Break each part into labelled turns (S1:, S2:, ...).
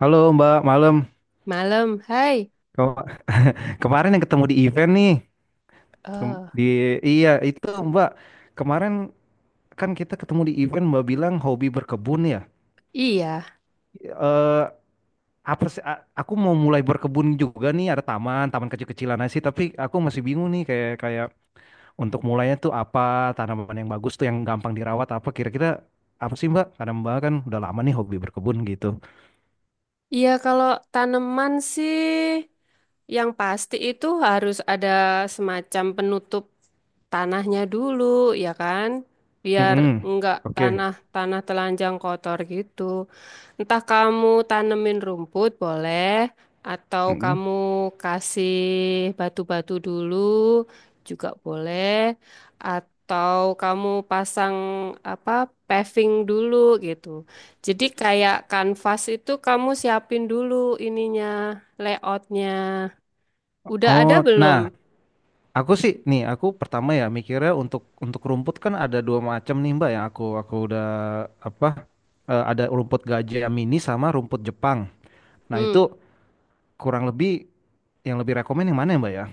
S1: Halo Mbak, malam.
S2: Malam, hai.
S1: Kem- Kemarin yang ketemu di event nih. Kem-
S2: Eh,
S1: Di iya itu Mbak. Kemarin kan kita ketemu di event, Mbak bilang hobi berkebun ya.
S2: iya.
S1: Eh apa sih? Aku mau mulai berkebun juga nih. Ada taman, taman kecil-kecilan aja sih. Tapi aku masih bingung nih, kayak kayak untuk mulainya tuh apa, tanaman yang bagus tuh yang gampang dirawat apa, kira-kira apa sih Mbak? Karena Mbak kan udah lama nih hobi berkebun gitu.
S2: Iya, kalau tanaman sih yang pasti itu harus ada semacam penutup tanahnya dulu, ya kan? Biar
S1: Mm-mm.
S2: enggak
S1: Oke.
S2: tanah tanah telanjang kotor gitu. Entah kamu tanemin rumput boleh, atau
S1: Mm-mm.
S2: kamu kasih batu-batu dulu juga boleh, atau kamu pasang apa paving dulu gitu. Jadi kayak kanvas itu kamu siapin dulu ininya, layoutnya. Udah ada
S1: Oh,
S2: belum?
S1: nah. Aku sih nih, aku pertama ya mikirnya untuk rumput kan ada dua macam nih Mbak, yang aku udah apa, ada rumput gajah yang mini sama rumput Jepang. Nah itu
S2: Hmm,
S1: kurang lebih yang lebih rekomen yang mana ya Mbak ya?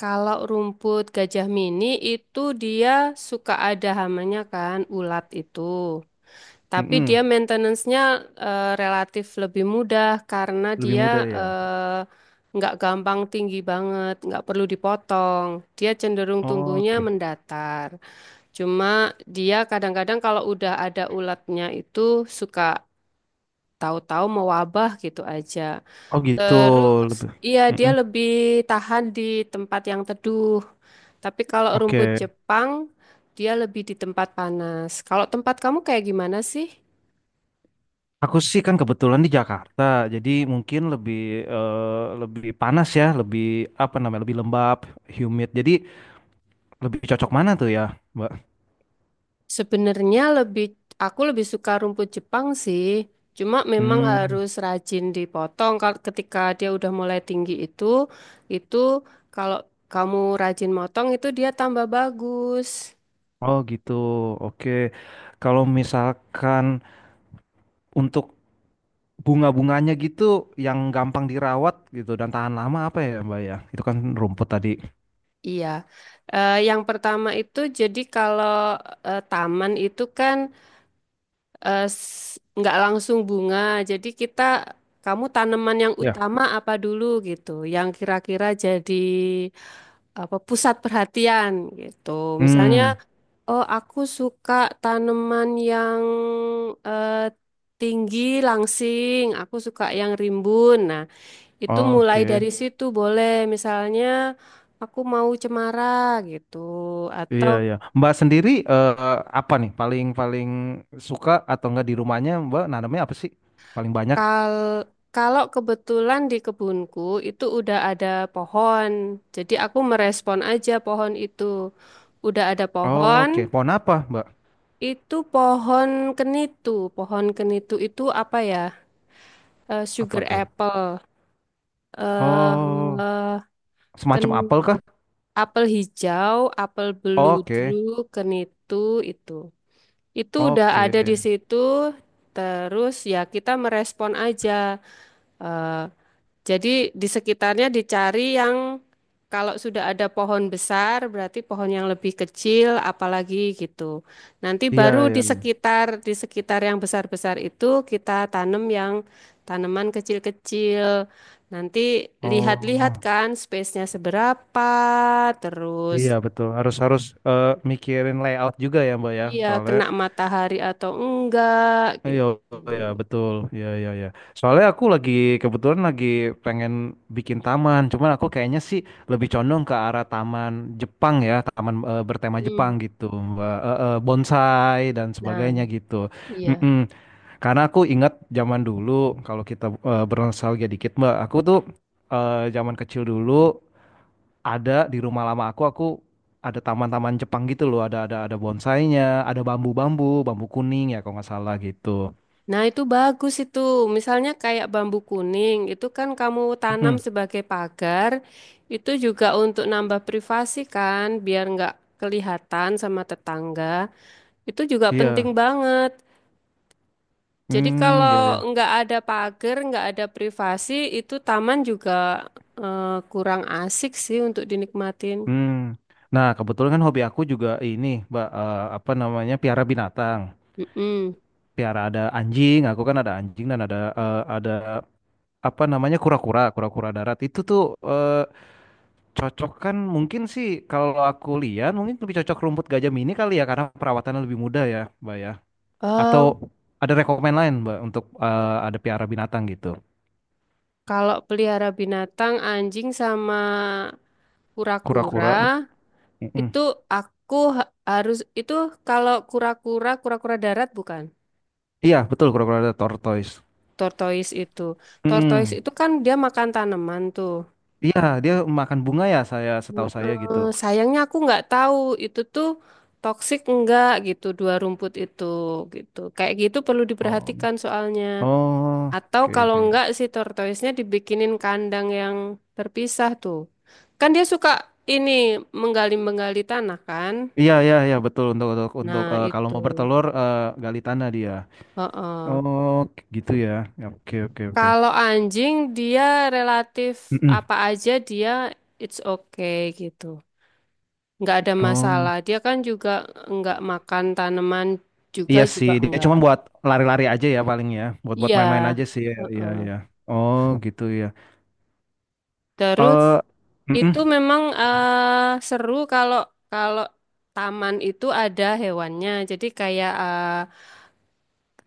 S2: Kalau rumput gajah mini itu dia suka ada hamanya kan, ulat itu. Tapi
S1: Mm-mm,
S2: dia maintenance-nya relatif lebih mudah karena
S1: lebih
S2: dia
S1: mudah ya.
S2: nggak gampang tinggi banget, nggak perlu dipotong. Dia cenderung tumbuhnya
S1: Oke.
S2: mendatar. Cuma dia kadang-kadang kalau udah ada ulatnya itu suka tahu-tahu mewabah gitu aja.
S1: Oh gitu,
S2: Terus,
S1: lebih.
S2: iya dia
S1: Mm-mm.
S2: lebih tahan di tempat yang teduh. Tapi kalau rumput
S1: Oke.
S2: Jepang, dia lebih di tempat panas. Kalau tempat kamu kayak gimana sih?
S1: Aku sih kan kebetulan di Jakarta, jadi mungkin lebih panas ya, lebih apa namanya, lebih lembab, humid. Jadi lebih cocok mana tuh ya Mbak?
S2: Sebenarnya aku lebih suka rumput Jepang sih. Cuma memang
S1: Hmm.
S2: harus rajin dipotong. Kalau ketika dia udah mulai tinggi itu kalau kamu rajin motong itu dia tambah bagus.
S1: Oh gitu, oke. Kalau misalkan untuk bunga-bunganya gitu, yang gampang dirawat gitu dan tahan lama apa ya Mbak ya? Itu kan rumput tadi.
S2: Iya. Yang pertama itu jadi kalau taman itu kan nggak langsung bunga. Jadi kamu tanaman yang
S1: Ya.
S2: utama apa dulu gitu, yang kira-kira jadi apa pusat perhatian gitu. Misalnya,
S1: Hmm,
S2: oh aku suka tanaman yang eh, tinggi langsing, aku suka yang rimbun. Nah, itu mulai
S1: oke.
S2: dari situ boleh. Misalnya aku mau cemara gitu atau
S1: Iya ya. Mbak sendiri, apa nih paling paling suka atau enggak di rumahnya Mbak, nanamnya apa sih? Paling banyak?
S2: Kal kalau kebetulan di kebunku itu udah ada pohon, jadi aku merespon aja pohon itu. Udah ada
S1: Oke,
S2: pohon,
S1: pohon apa Mbak?
S2: itu pohon kenitu. Pohon kenitu itu apa ya?
S1: Apa
S2: Sugar
S1: tuh?
S2: apple,
S1: Oh,
S2: eh ken
S1: semacam apel kah?
S2: apel hijau, apel beludru,
S1: Oke,
S2: kenitu itu. Itu udah
S1: oke.
S2: ada di situ. Terus ya kita merespon aja. Eh, Jadi di sekitarnya dicari yang kalau sudah ada pohon besar berarti pohon yang lebih kecil apalagi gitu. Nanti
S1: Iya
S2: baru
S1: ya.
S2: di sekitar yang besar-besar itu kita tanam yang tanaman kecil-kecil. Nanti lihat-lihat
S1: Oh.
S2: kan space-nya seberapa,
S1: Iya
S2: terus
S1: betul, harus harus eh, mikirin layout juga ya Mbak ya,
S2: iya
S1: soalnya.
S2: kena matahari atau enggak
S1: Iya
S2: gitu.
S1: ya, betul. Ya, ya, ya. Soalnya aku lagi, kebetulan lagi pengen bikin taman, cuman aku kayaknya sih lebih condong ke arah taman Jepang, ya taman bertema
S2: Hmm.
S1: Jepang gitu Mbak. Bonsai dan
S2: Nah,
S1: sebagainya gitu.
S2: iya.
S1: Mm-mm. Karena aku ingat zaman dulu, kalau kita bernostalgia dikit Mbak, aku tuh zaman kecil dulu ada di rumah lama, aku ada taman-taman Jepang gitu loh, ada bonsainya, ada bambu kuning ya kalau nggak salah gitu.
S2: Nah, itu bagus itu. Misalnya kayak bambu kuning, itu kan kamu tanam
S1: Hmm.
S2: sebagai pagar, itu juga untuk nambah privasi kan, biar nggak kelihatan sama tetangga. Itu juga penting
S1: Iya.
S2: banget. Jadi
S1: Hmm.
S2: kalau
S1: Ya, ya.
S2: nggak ada pagar, nggak ada privasi, itu taman juga eh, kurang asik sih untuk dinikmatin.
S1: Hmm. Nah, kebetulan kan hobi aku juga ini Mbak, apa namanya, piara binatang.
S2: Mm-mm.
S1: Piara, ada anjing. Aku kan ada anjing, dan ada apa namanya, kura-kura darat itu tuh. Eh, cocok kan mungkin sih, kalau aku lihat mungkin lebih cocok rumput gajah mini kali ya, karena perawatannya lebih mudah ya Mbak ya. Atau
S2: Eh,
S1: ada rekomen lain Mbak, untuk ada piara binatang gitu.
S2: Kalau pelihara binatang, anjing sama kura-kura,
S1: Kura-kura. Mm-mm.
S2: itu aku harus itu kalau kura-kura, kura-kura darat bukan?
S1: Iya, betul kura-kura, ada tortoise.
S2: Tortoise itu. Tortoise
S1: Mm-mm.
S2: itu kan dia makan tanaman tuh.
S1: Iya, dia makan bunga ya, saya, setahu saya
S2: Heeh,
S1: gitu.
S2: sayangnya aku nggak tahu itu tuh toksik enggak gitu dua rumput itu gitu. Kayak gitu perlu
S1: Oh.
S2: diperhatikan soalnya.
S1: Oh,
S2: Atau
S1: oke,
S2: kalau
S1: oke.
S2: enggak si tortoise-nya dibikinin kandang yang terpisah tuh. Kan dia suka ini menggali-menggali tanah kan?
S1: Iya, iya, iya, betul. untuk untuk untuk
S2: Nah,
S1: eh, kalau
S2: itu.
S1: mau bertelur, gali tanah dia.
S2: Heeh.
S1: Oh, gitu ya. Ya. Oke, oke, oke.
S2: Kalau anjing dia relatif
S1: Mm-mm.
S2: apa aja dia it's okay gitu. Nggak ada
S1: Oh.
S2: masalah. Dia kan juga nggak makan tanaman juga
S1: Iya sih,
S2: juga
S1: dia
S2: enggak.
S1: cuma buat lari-lari aja ya paling ya, buat buat
S2: Iya.
S1: main-main aja sih. Iya, iya,
S2: Heeh.
S1: iya. Oh, gitu ya.
S2: Terus
S1: Eh,
S2: itu
S1: mm-mm.
S2: memang seru kalau kalau taman itu ada hewannya. Jadi kayak eh,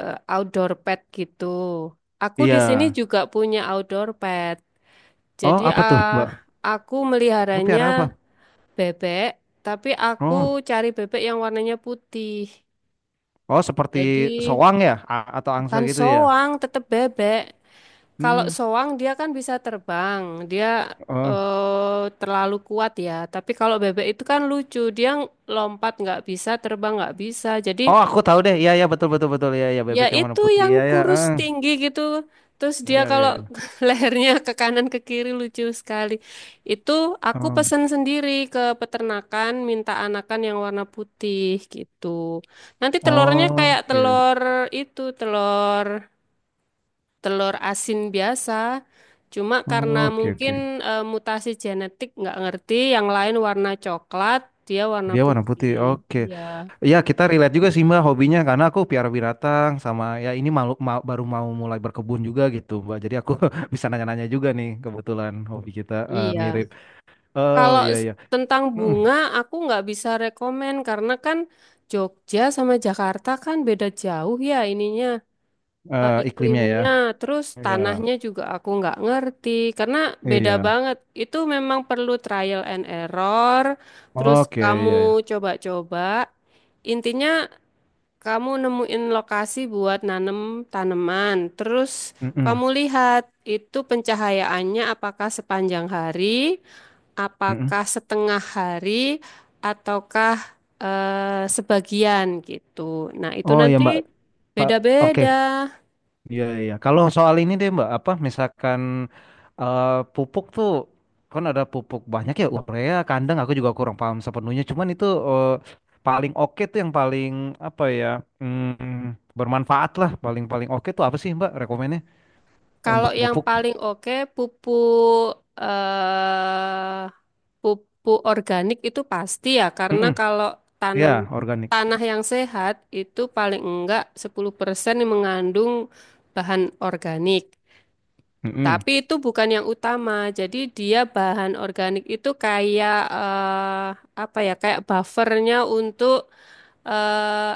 S2: eh, outdoor pet gitu. Aku di,
S1: Iya.
S2: iya, sini juga punya outdoor pet.
S1: Oh,
S2: Jadi
S1: apa tuh Mbak?
S2: aku
S1: Mbak
S2: meliharanya
S1: piara apa?
S2: bebek, tapi aku
S1: Oh,
S2: cari bebek yang warnanya putih.
S1: oh, seperti
S2: Jadi
S1: soang ya, atau angsa
S2: bukan
S1: gitu ya.
S2: soang, tetap bebek. Kalau
S1: Hmm.
S2: soang dia kan bisa terbang, dia
S1: Oh,
S2: terlalu kuat ya. Tapi kalau bebek itu kan lucu, dia lompat nggak bisa, terbang nggak bisa. Jadi,
S1: oh, aku tahu deh. Iya, iya, betul, betul, betul. Iya, iya,
S2: ya
S1: bebek yang warna
S2: itu
S1: putih.
S2: yang
S1: Iya, iya.
S2: kurus
S1: Eh.
S2: tinggi gitu. Terus dia
S1: Iya, iya,
S2: kalau
S1: iya.
S2: lehernya ke kanan ke kiri lucu sekali. Itu aku pesan sendiri ke peternakan, minta anakan yang warna putih gitu. Nanti telurnya
S1: Oh,
S2: kayak
S1: oke.
S2: telur itu, telur telur asin biasa. Cuma karena
S1: Oke,
S2: mungkin
S1: oke.
S2: mutasi genetik nggak ngerti, yang lain warna coklat, dia warna
S1: Dia warna putih.
S2: putih.
S1: Oke.
S2: Iya,
S1: Ya, kita relate juga sih Mbak hobinya, karena aku piara binatang sama ya, ini malu, baru mau mulai berkebun juga gitu Mbak. Jadi aku bisa nanya-nanya juga nih, kebetulan hobi kita
S2: iya.
S1: mirip. Oh,
S2: Kalau
S1: iya, iya.
S2: tentang
S1: Mm,
S2: bunga, aku nggak bisa rekomen karena kan Jogja sama Jakarta kan beda jauh ya ininya
S1: iklimnya ya.
S2: iklimnya, terus
S1: Iya,
S2: tanahnya juga aku nggak ngerti karena beda
S1: iya.
S2: banget. Itu memang perlu trial and error, terus
S1: Oke,
S2: kamu
S1: iya ya.
S2: coba-coba. Intinya kamu nemuin lokasi buat nanem tanaman, terus
S1: Mm-mm,
S2: kamu lihat itu pencahayaannya apakah sepanjang hari.
S1: mm-mm.
S2: Apakah setengah hari ataukah sebagian gitu. Nah, itu
S1: Oh ya
S2: nanti
S1: Mbak,
S2: beda-beda.
S1: oke. Iya, iya. Kalau soal ini deh Mbak, apa misalkan eh, pupuk tuh kan ada pupuk banyak ya, urea, kandang, aku juga kurang paham sepenuhnya. Cuman itu paling oke tuh yang paling apa ya, bermanfaat lah, paling paling oke tuh apa sih Mbak rekomennya
S2: Kalau
S1: untuk
S2: yang
S1: pupuk?
S2: paling oke pupuk organik itu pasti ya karena
S1: Mm-mm.
S2: kalau
S1: Ya,
S2: tanam
S1: organik.
S2: tanah yang sehat itu paling enggak 10% mengandung bahan organik.
S1: Mm-mm.
S2: Tapi itu bukan yang utama. Jadi dia bahan organik itu kayak apa ya? Kayak buffernya untuk eh,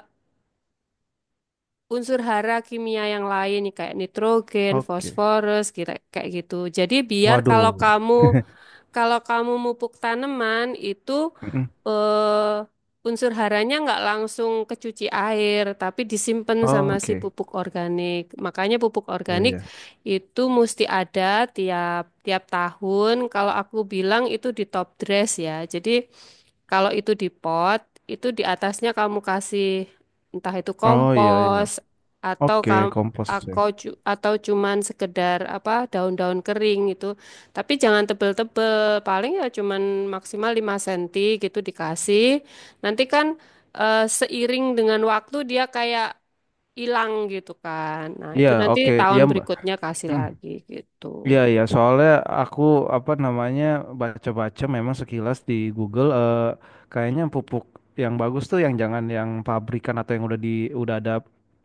S2: unsur hara kimia yang lain kayak nitrogen,
S1: Oke.
S2: fosforus, kira kayak gitu. Jadi biar kalau
S1: Waduh.
S2: kamu kalau kamu mupuk tanaman itu
S1: Mm-mm.
S2: unsur haranya nggak langsung kecuci air, tapi disimpan sama si
S1: Oke.
S2: pupuk organik. Makanya pupuk
S1: Iya,
S2: organik
S1: iya.
S2: itu mesti ada tiap tiap tahun. Kalau aku bilang itu di top dress ya. Jadi kalau itu di pot, itu di atasnya kamu kasih entah itu
S1: Oh, iya, iya.
S2: kompos atau
S1: Oke,
S2: kamu
S1: kompos ya.
S2: atau cuman sekedar apa daun-daun kering itu. Tapi jangan tebel-tebel paling ya cuman maksimal 5 cm gitu dikasih. Nanti kan seiring dengan waktu dia kayak hilang gitu kan. Nah,
S1: Iya,
S2: itu nanti
S1: oke.
S2: tahun
S1: Iya Mbak.
S2: berikutnya kasih
S1: Hmm.
S2: lagi gitu.
S1: Iya, iya, soalnya aku apa namanya, baca-baca memang sekilas di Google, kayaknya pupuk yang bagus tuh, yang jangan yang pabrikan atau yang udah udah ada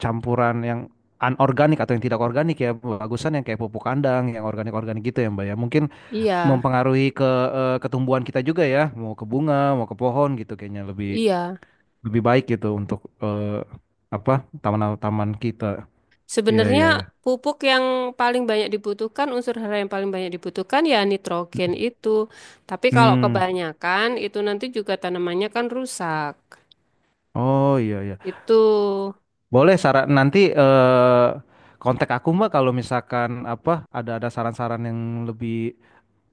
S1: campuran yang anorganik atau yang tidak organik ya. Bagusan yang kayak pupuk kandang, yang organik-organik gitu ya Mbak ya. Mungkin
S2: Iya,
S1: mempengaruhi ke ketumbuhan kita juga ya, mau ke bunga, mau ke pohon, gitu kayaknya lebih
S2: iya.
S1: lebih baik gitu untuk, apa, taman-taman kita. Iya,
S2: Sebenarnya
S1: iya, iya.
S2: pupuk yang paling banyak dibutuhkan, unsur hara yang paling banyak dibutuhkan ya nitrogen itu. Tapi kalau
S1: Hmm.
S2: kebanyakan itu nanti juga tanamannya kan rusak.
S1: Oh, iya, iya.
S2: Itu
S1: Boleh saran nanti, kontak aku Mbak, kalau misalkan apa, ada saran-saran yang lebih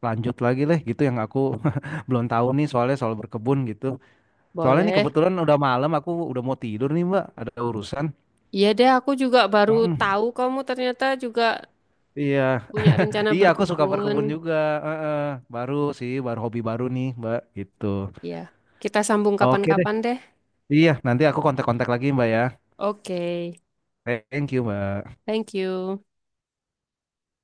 S1: lanjut lagi leh gitu, yang aku belum tahu nih, soalnya soal berkebun gitu. Soalnya nih
S2: boleh.
S1: kebetulan udah malam, aku udah mau tidur nih Mbak, ada urusan.
S2: Iya deh, aku juga baru
S1: Mm,
S2: tahu kamu ternyata juga
S1: iya.
S2: punya rencana
S1: Iya, aku suka
S2: berkebun.
S1: berkebun juga. Heeh. Baru sih, baru hobi baru nih Mbak gitu.
S2: Ya, kita sambung
S1: Oke deh.
S2: kapan-kapan deh.
S1: Iya, nanti aku kontak-kontak lagi Mbak ya.
S2: Oke,
S1: Thank you Mbak.
S2: thank you.